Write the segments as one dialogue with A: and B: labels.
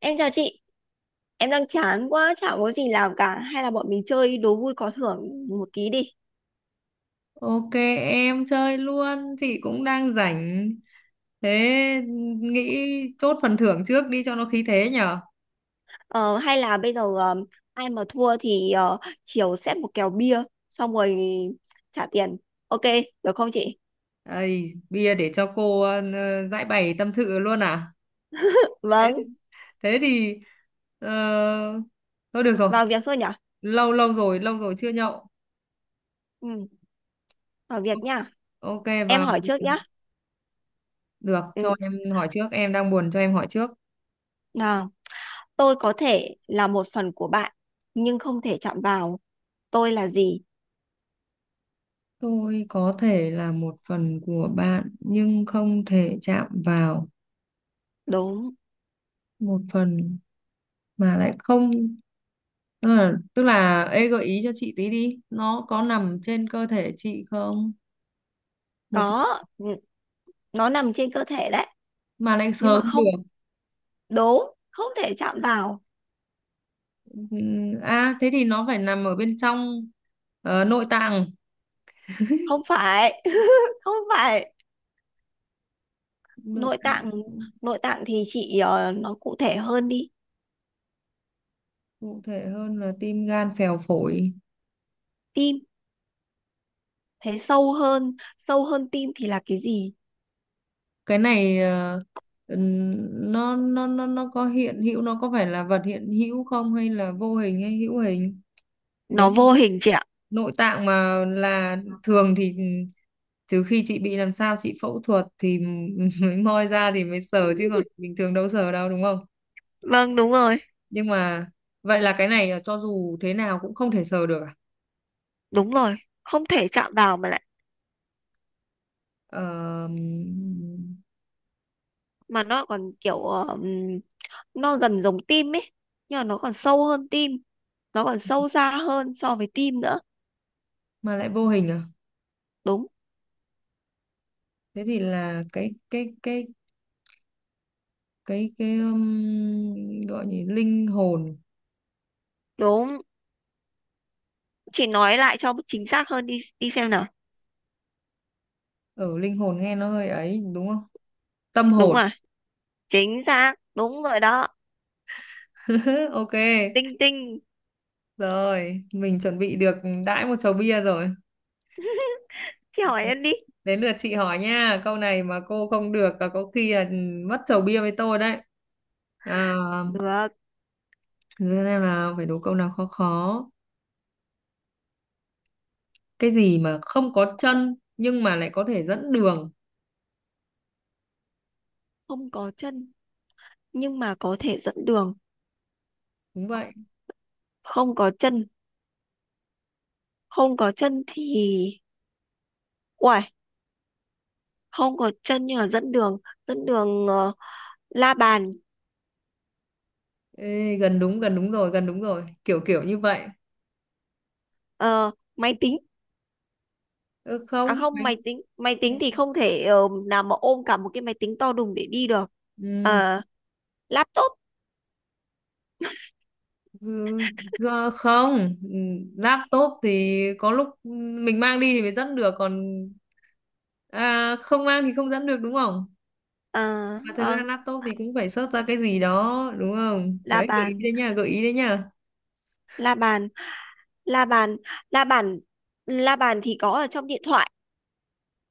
A: Em chào chị, em đang chán quá, chả có gì làm cả. Hay là bọn mình chơi đố vui có thưởng một tí đi.
B: Ok em chơi luôn, chị cũng đang rảnh. Thế nghĩ chốt phần thưởng trước đi cho nó khí thế nhở.
A: Ờ, hay là bây giờ ai mà thua thì chiều xếp một kèo bia, xong rồi trả tiền. Ok, được không chị?
B: Đây, bia để cho cô giải bày tâm sự luôn à? Thế
A: Vâng,
B: thế thì ờ, thôi được rồi,
A: vào việc thôi nhở?
B: lâu lâu rồi chưa nhậu.
A: Ừ, vào việc nhá.
B: Ok
A: Em
B: vào
A: hỏi trước nhá.
B: được
A: Ừ.
B: cho em hỏi trước, em đang buồn cho em hỏi trước.
A: Nào, tôi có thể là một phần của bạn, nhưng không thể chạm vào. Tôi là gì?
B: Tôi có thể là một phần của bạn nhưng không thể chạm vào.
A: Đúng,
B: Một phần mà lại không, tức là ê gợi ý cho chị tí đi, nó có nằm trên cơ thể chị không? Một
A: có. Ừ. Nó nằm trên cơ thể đấy,
B: mà lại
A: nhưng
B: sờ
A: mà
B: không
A: không,
B: được?
A: đúng, không thể chạm vào.
B: À thế thì nó phải nằm ở bên trong, nội tạng.
A: Không phải. Không phải
B: Nội
A: nội
B: tạng
A: tạng. Nội tạng thì chị nói cụ thể hơn đi.
B: cụ thể hơn là tim gan phèo phổi.
A: Tim, thế sâu hơn tim thì là cái gì?
B: Cái này ừm, nó có hiện hữu, nó có phải là vật hiện hữu không, hay là vô hình hay hữu hình? Nếu
A: Nó vô hình chị ạ.
B: nội tạng mà là thường thì trừ khi chị bị làm sao, chị phẫu thuật thì mới moi ra thì mới sờ, chứ còn bình thường đâu sờ đâu, đúng không?
A: Vâng đúng rồi,
B: Nhưng mà vậy là cái này cho dù thế nào cũng không thể sờ được à?
A: đúng rồi, không thể chạm vào mà lại,
B: Ờ,
A: mà nó còn kiểu nó gần giống tim ấy, nhưng mà nó còn sâu hơn tim, nó còn sâu xa hơn so với tim nữa.
B: mà lại vô hình à?
A: Đúng.
B: Thế thì là cái gọi gì, linh hồn.
A: Đúng, chị nói lại cho chính xác hơn đi đi xem nào.
B: Ở linh hồn nghe nó hơi ấy đúng không? Tâm
A: Đúng
B: hồn.
A: à, chính xác đúng rồi đó.
B: Ok,
A: Tinh tinh.
B: rồi mình chuẩn bị được đãi một chầu bia rồi.
A: Chị hỏi
B: Đến
A: em đi.
B: đến lượt chị hỏi nha, câu này mà cô không được là có khi là mất chầu bia với tôi đấy. À,
A: Được,
B: thế nên là phải đố câu nào khó khó. Cái gì mà không có chân nhưng mà lại có thể dẫn đường.
A: không có chân nhưng mà có thể dẫn đường.
B: Đúng vậy.
A: Không có chân, không có chân thì, uầy, không có chân nhưng mà dẫn đường la bàn,
B: Ê, gần đúng rồi, gần đúng rồi. Kiểu kiểu như vậy.
A: ờ, máy tính.
B: Ừ,
A: À
B: không.
A: không, máy tính thì không thể, nào mà ôm cả một cái máy tính to đùng để đi được.
B: Ừ,
A: Ờ, laptop,
B: ừ, không. Ừ, laptop thì có lúc mình mang đi thì mới dẫn được, còn à, không mang thì không dẫn được đúng không?
A: ờ,
B: Mà thực ra
A: vâng,
B: laptop thì cũng phải search ra cái gì đó đúng không,
A: la
B: đấy gợi ý
A: bàn,
B: đấy nha, gợi ý đấy nha.
A: la bàn, la bàn, la bàn, la bàn thì có ở trong điện thoại,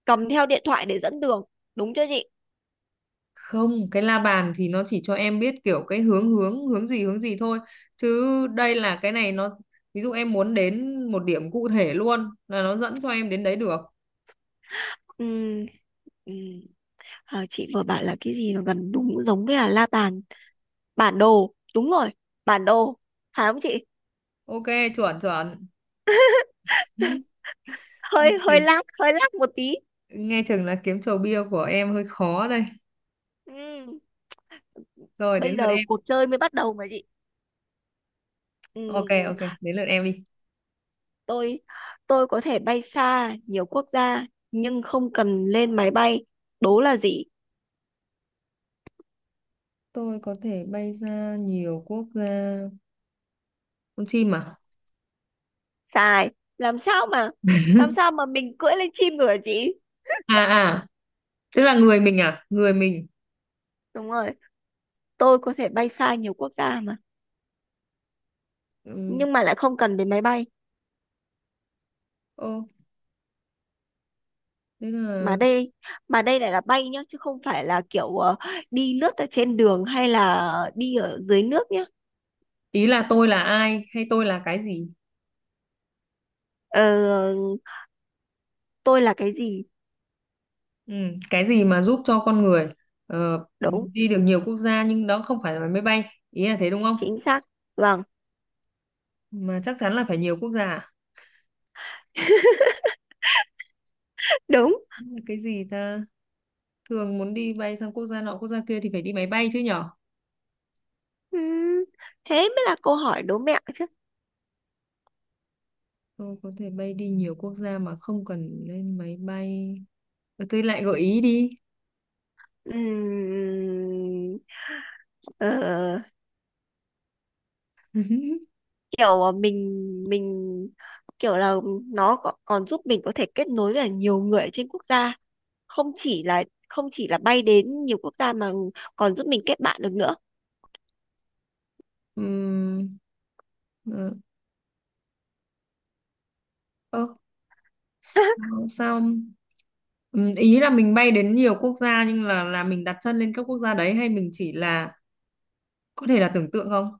A: cầm theo điện thoại để dẫn đường, đúng chưa chị?
B: Không, cái la bàn thì nó chỉ cho em biết kiểu cái hướng hướng hướng gì thôi, chứ đây là cái này nó ví dụ em muốn đến một điểm cụ thể luôn là nó dẫn cho em đến đấy được.
A: Ừ. Ừ. Ờ, chị vừa bảo là cái gì mà gần đúng giống với là la bàn, bản đồ đúng rồi, bản đồ phải không chị?
B: Ok, chuẩn chuẩn. Ừ, nghe
A: Hơi
B: chừng
A: hơi lag một tí.
B: nghe chừng là kiếm chầu bia của em hơi khó đây.
A: Ừ.
B: Rồi đến
A: Bây
B: lượt
A: giờ
B: em.
A: cuộc chơi mới bắt đầu mà chị.
B: Ok
A: Ừ.
B: ok, đến lượt em đi.
A: tôi tôi có thể bay xa nhiều quốc gia nhưng không cần lên máy bay, đố là gì?
B: Tôi có thể bay ra nhiều quốc gia, con chim à?
A: Sai. Làm sao mà, làm sao mà mình cưỡi lên chim được hả chị?
B: À à, tức là người mình à, người mình.
A: Đúng rồi, tôi có thể bay xa nhiều quốc gia mà, nhưng
B: Ừ.
A: mà lại không cần đến máy bay.
B: Ô, tức
A: Mà
B: là
A: đây, mà đây lại là bay nhá chứ không phải là kiểu đi lướt ở trên đường hay là đi ở dưới nước nhá.
B: ý là tôi là ai hay tôi là cái gì?
A: ờ, tôi là cái gì?
B: Ừ. Cái gì mà giúp cho con người
A: Đúng,
B: đi được nhiều quốc gia nhưng đó không phải là máy bay, ý là thế đúng không?
A: chính xác, vâng.
B: Mà chắc chắn là phải nhiều quốc gia à?
A: Đúng.
B: Cái gì ta, thường muốn đi bay sang quốc gia nọ quốc gia kia thì phải đi máy bay chứ nhở.
A: Ừm, thế mới là câu hỏi đố mẹo chứ.
B: Tôi có thể bay đi nhiều quốc gia mà không cần lên máy bay. Ờ, tôi lại gợi ý đi.
A: Ừm, ờ, kiểu mình kiểu là nó có- còn giúp mình có thể kết nối với nhiều người ở trên quốc gia, không chỉ là, không chỉ là bay đến nhiều quốc gia mà còn giúp mình kết bạn được nữa.
B: Ừm, ờ, ơ, Xong xong. Ý là mình bay đến nhiều quốc gia nhưng là mình đặt chân lên các quốc gia đấy hay mình chỉ là có thể là tưởng tượng không?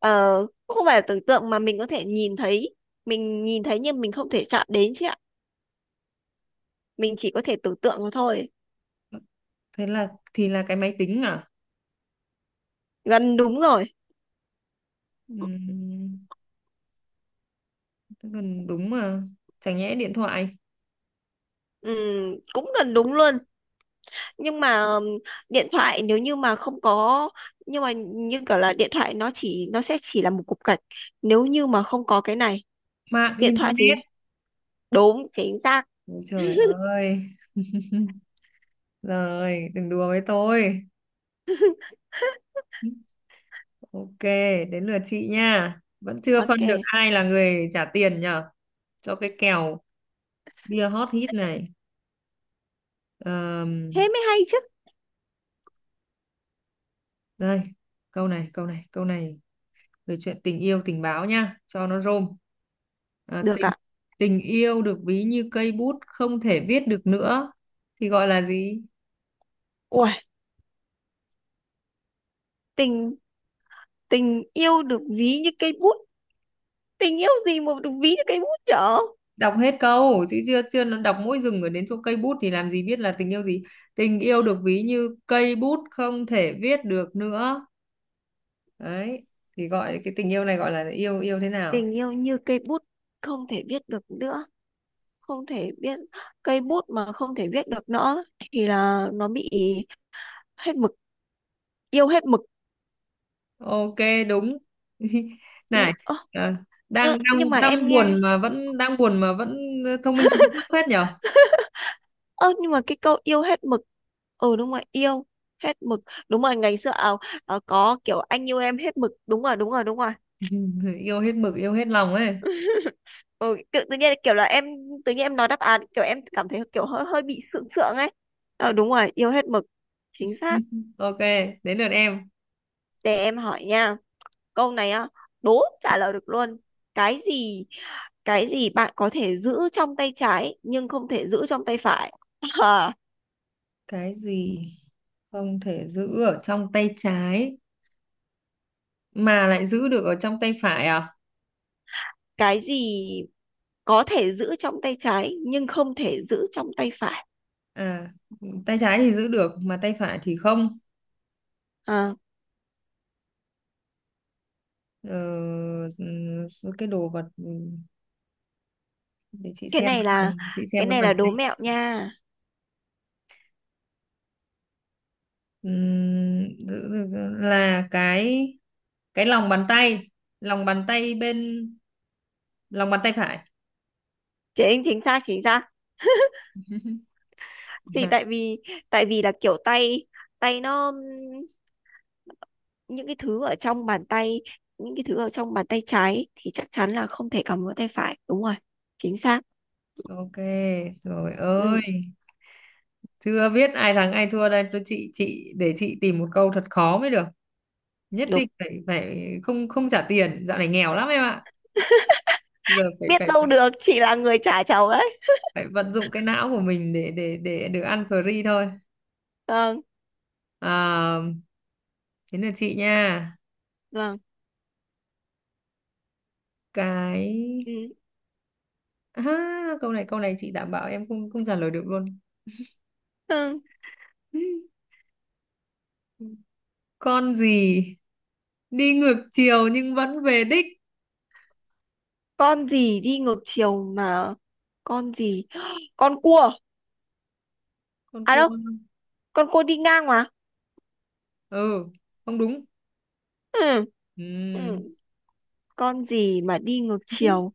A: Ờ, cũng không phải là tưởng tượng mà mình có thể nhìn thấy, mình nhìn thấy nhưng mình không thể chạm đến chị ạ, mình chỉ có thể tưởng tượng mà thôi.
B: Thế là thì là cái máy tính à?
A: Gần đúng rồi.
B: Ừm, thế còn đúng mà. Chẳng nhẽ điện thoại,
A: Ừ, cũng gần đúng luôn nhưng mà, điện thoại nếu như mà không có, nhưng mà như kiểu là điện thoại nó chỉ, nó sẽ chỉ là một cục gạch nếu như mà không có cái này.
B: mạng
A: Điện thoại
B: internet.
A: thì, đúng chính xác.
B: Ôi trời ơi. Rồi, đừng đùa với tôi. Ok, đến lượt chị nha. Vẫn chưa phân được
A: Ok,
B: ai là người trả tiền nhở cho cái kèo bia hot hit này.
A: thế mới hay chứ.
B: Đây, câu này về chuyện tình yêu tình báo nha, cho nó rôm. À,
A: Được
B: tình
A: ạ.
B: Tình yêu được ví như cây bút không thể viết được nữa thì gọi là gì?
A: Ui, tình, tình yêu được ví như cây bút, tình yêu gì mà được ví như cây bút nhở?
B: Đọc hết câu chứ, chưa chưa nó đọc mỗi dừng ở đến chỗ cây bút thì làm gì biết là tình yêu gì? Tình yêu được ví như cây bút không thể viết được nữa. Đấy, thì gọi cái tình yêu này gọi là yêu, yêu thế nào?
A: Tình yêu như cây bút không thể viết được nữa, không thể biết, cây bút mà không thể viết được nữa thì là nó bị hết mực, yêu hết mực.
B: Ok, đúng.
A: Yêu,
B: Này,
A: ơ,
B: ờ,
A: ơ,
B: đang
A: nhưng
B: đang
A: mà em
B: đang
A: nghe,
B: buồn mà vẫn đang buồn mà vẫn thông minh sáng suốt phết nhở.
A: ơ nhưng mà cái câu yêu hết mực, ừ đúng rồi, yêu hết mực, đúng rồi ngày xưa à, à, có kiểu anh yêu em hết mực, đúng rồi đúng rồi đúng rồi.
B: Yêu hết mực, yêu hết lòng ấy.
A: Ừ, tự, tự nhiên kiểu là em, tự nhiên em nói đáp án kiểu em cảm thấy kiểu hơi hơi bị sượng sượng ấy. Ờ đúng rồi, yêu hết mực, chính xác.
B: Ok, đến lượt em.
A: Để em hỏi nha. Câu này á, đố trả lời được luôn. Cái gì, cái gì bạn có thể giữ trong tay trái nhưng không thể giữ trong tay phải? À,
B: Cái gì không thể giữ ở trong tay trái mà lại giữ được ở trong tay phải à?
A: cái gì có thể giữ trong tay trái nhưng không thể giữ trong tay phải?
B: À, tay trái thì giữ được mà tay phải thì không.
A: À,
B: ờ, cái đồ vật, để chị
A: cái
B: xem
A: này
B: cái
A: là,
B: bàn, chị
A: cái
B: xem cái
A: này
B: bàn
A: là
B: tay.
A: đố mẹo nha.
B: Giữ được là cái lòng bàn tay, lòng bàn tay bên, lòng bàn tay phải.
A: Chính, chính xác chính xác. Thì tại vì, tại vì là kiểu tay, tay nó, những cái thứ ở trong bàn tay, những cái thứ ở trong bàn tay trái thì chắc chắn là không thể cầm vào tay phải. Đúng rồi. Chính xác.
B: Ok rồi ơi,
A: Ừ,
B: chưa biết ai thắng ai thua đây. Tôi chị để chị tìm một câu thật khó mới được, nhất
A: đúng.
B: định phải phải không, không trả tiền, dạo này nghèo lắm em ạ. Giờ
A: Biết đâu được chị là người trả cháu đấy.
B: phải vận dụng cái não của mình để để được ăn free thôi.
A: Vâng.
B: À, thế là chị nha,
A: Vâng.
B: cái
A: Ừ.
B: à, câu này chị đảm bảo em không không trả lời được luôn.
A: Ừ.
B: Con gì đi ngược chiều nhưng vẫn về đích?
A: Con gì đi ngược chiều mà, con gì, con cua.
B: Con
A: À
B: cua?
A: đâu, con cua đi ngang mà.
B: Ừ, không đúng.
A: Ừ. Ừ.
B: Ừm,
A: Con gì mà đi ngược chiều?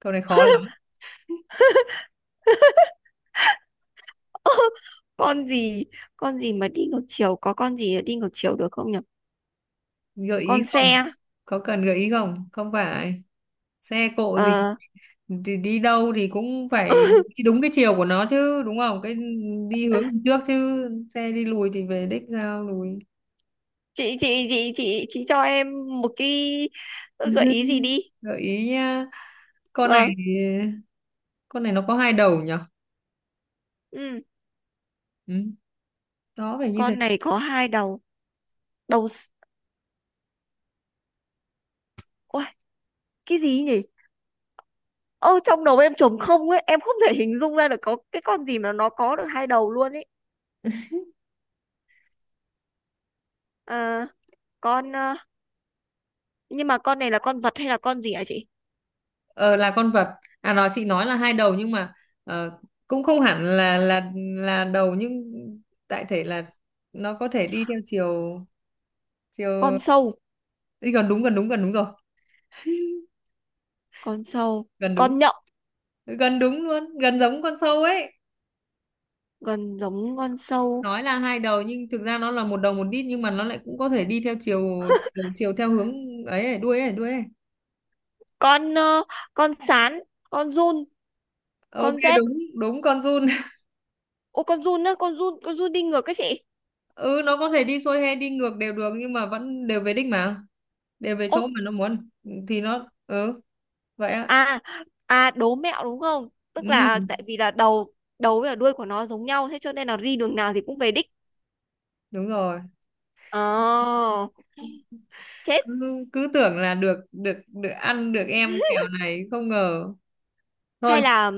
B: câu này khó lắm.
A: Con gì, con gì mà đi ngược chiều, có con gì mà đi ngược chiều được không nhỉ?
B: Gợi
A: Con
B: ý
A: xe.
B: không, có cần gợi ý không? Không phải xe cộ gì,
A: Ờ.
B: thì đi đâu thì cũng phải đi đúng cái chiều của nó chứ đúng không, cái đi hướng đằng trước chứ, xe đi lùi thì về đích sao lùi.
A: Chị cho em một cái gợi ý gì đi.
B: Gợi ý nhá, con này
A: Vâng.
B: con này nó có hai đầu nhở.
A: Ừ.
B: Ừ. Đó phải như thế.
A: Con này có hai đầu, đầu s-, ôi, cái gì nhỉ? Ơ trong đầu em trống không ấy, em không thể hình dung ra được có cái con gì mà nó có được hai đầu luôn ấy. À, con nhưng mà con này là con vật hay là con gì hả chị?
B: Ờ, là con vật. À nói, chị nói là hai đầu nhưng mà ờ, cũng không hẳn là là đầu nhưng đại thể là nó có thể đi theo chiều chiều
A: Con sâu.
B: đi, gần đúng, gần đúng, gần đúng rồi.
A: Con sâu.
B: Gần đúng,
A: Con nhộng.
B: gần đúng luôn, gần giống con sâu ấy.
A: Gần giống con sâu.
B: Nói là hai đầu nhưng thực ra nó là một đầu một đít nhưng mà nó lại cũng có thể đi theo chiều chiều, chiều theo hướng ấy, ấy đuôi ấy, đuôi ấy.
A: Con con sán, con giun,
B: Ok,
A: con rết.
B: đúng, đúng, con giun.
A: Ô con giun á, con giun, con giun đi ngược cái chị.
B: Ừ, nó có thể đi xuôi hay đi ngược đều được nhưng mà vẫn đều về đích mà, đều về
A: Ô.
B: chỗ mà nó muốn thì nó ừ vậy á.
A: À, à đố mẹo đúng không, tức
B: Ừ,
A: là tại vì là đầu, đầu với cả đuôi của nó giống nhau thế cho nên là đi đường nào thì cũng về đích.
B: đúng rồi.
A: Ờ. Chết.
B: Cứ cứ tưởng là được được được ăn được em kẹo này, không ngờ.
A: Hay
B: Thôi,
A: là,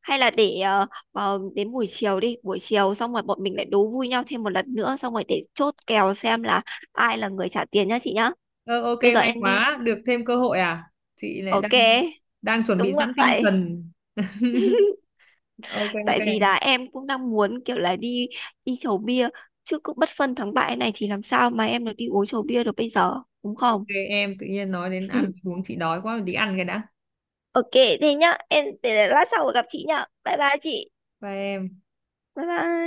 A: hay là để đến buổi chiều đi, buổi chiều xong rồi bọn mình lại đố vui nhau thêm một lần nữa xong rồi để chốt kèo xem là ai là người trả tiền nhá chị nhá.
B: ờ, ok
A: Bây giờ
B: may
A: em đi.
B: quá được thêm cơ hội à. Chị lại đang
A: Ok.
B: đang chuẩn bị
A: Đúng
B: sẵn tinh
A: vậy.
B: thần. Ok ok.
A: Tại vì là em cũng đang muốn kiểu là đi, đi chầu bia, chứ cũng bất phân thắng bại này thì làm sao mà em được đi uống chầu bia được bây giờ, đúng
B: Ok
A: không?
B: em tự nhiên nói đến ăn uống chị đói quá, đi ăn cái đã.
A: Ok. Thế nhá, em để lát sau gặp chị nhá, bye bye chị.
B: Bye em.
A: Bye bye.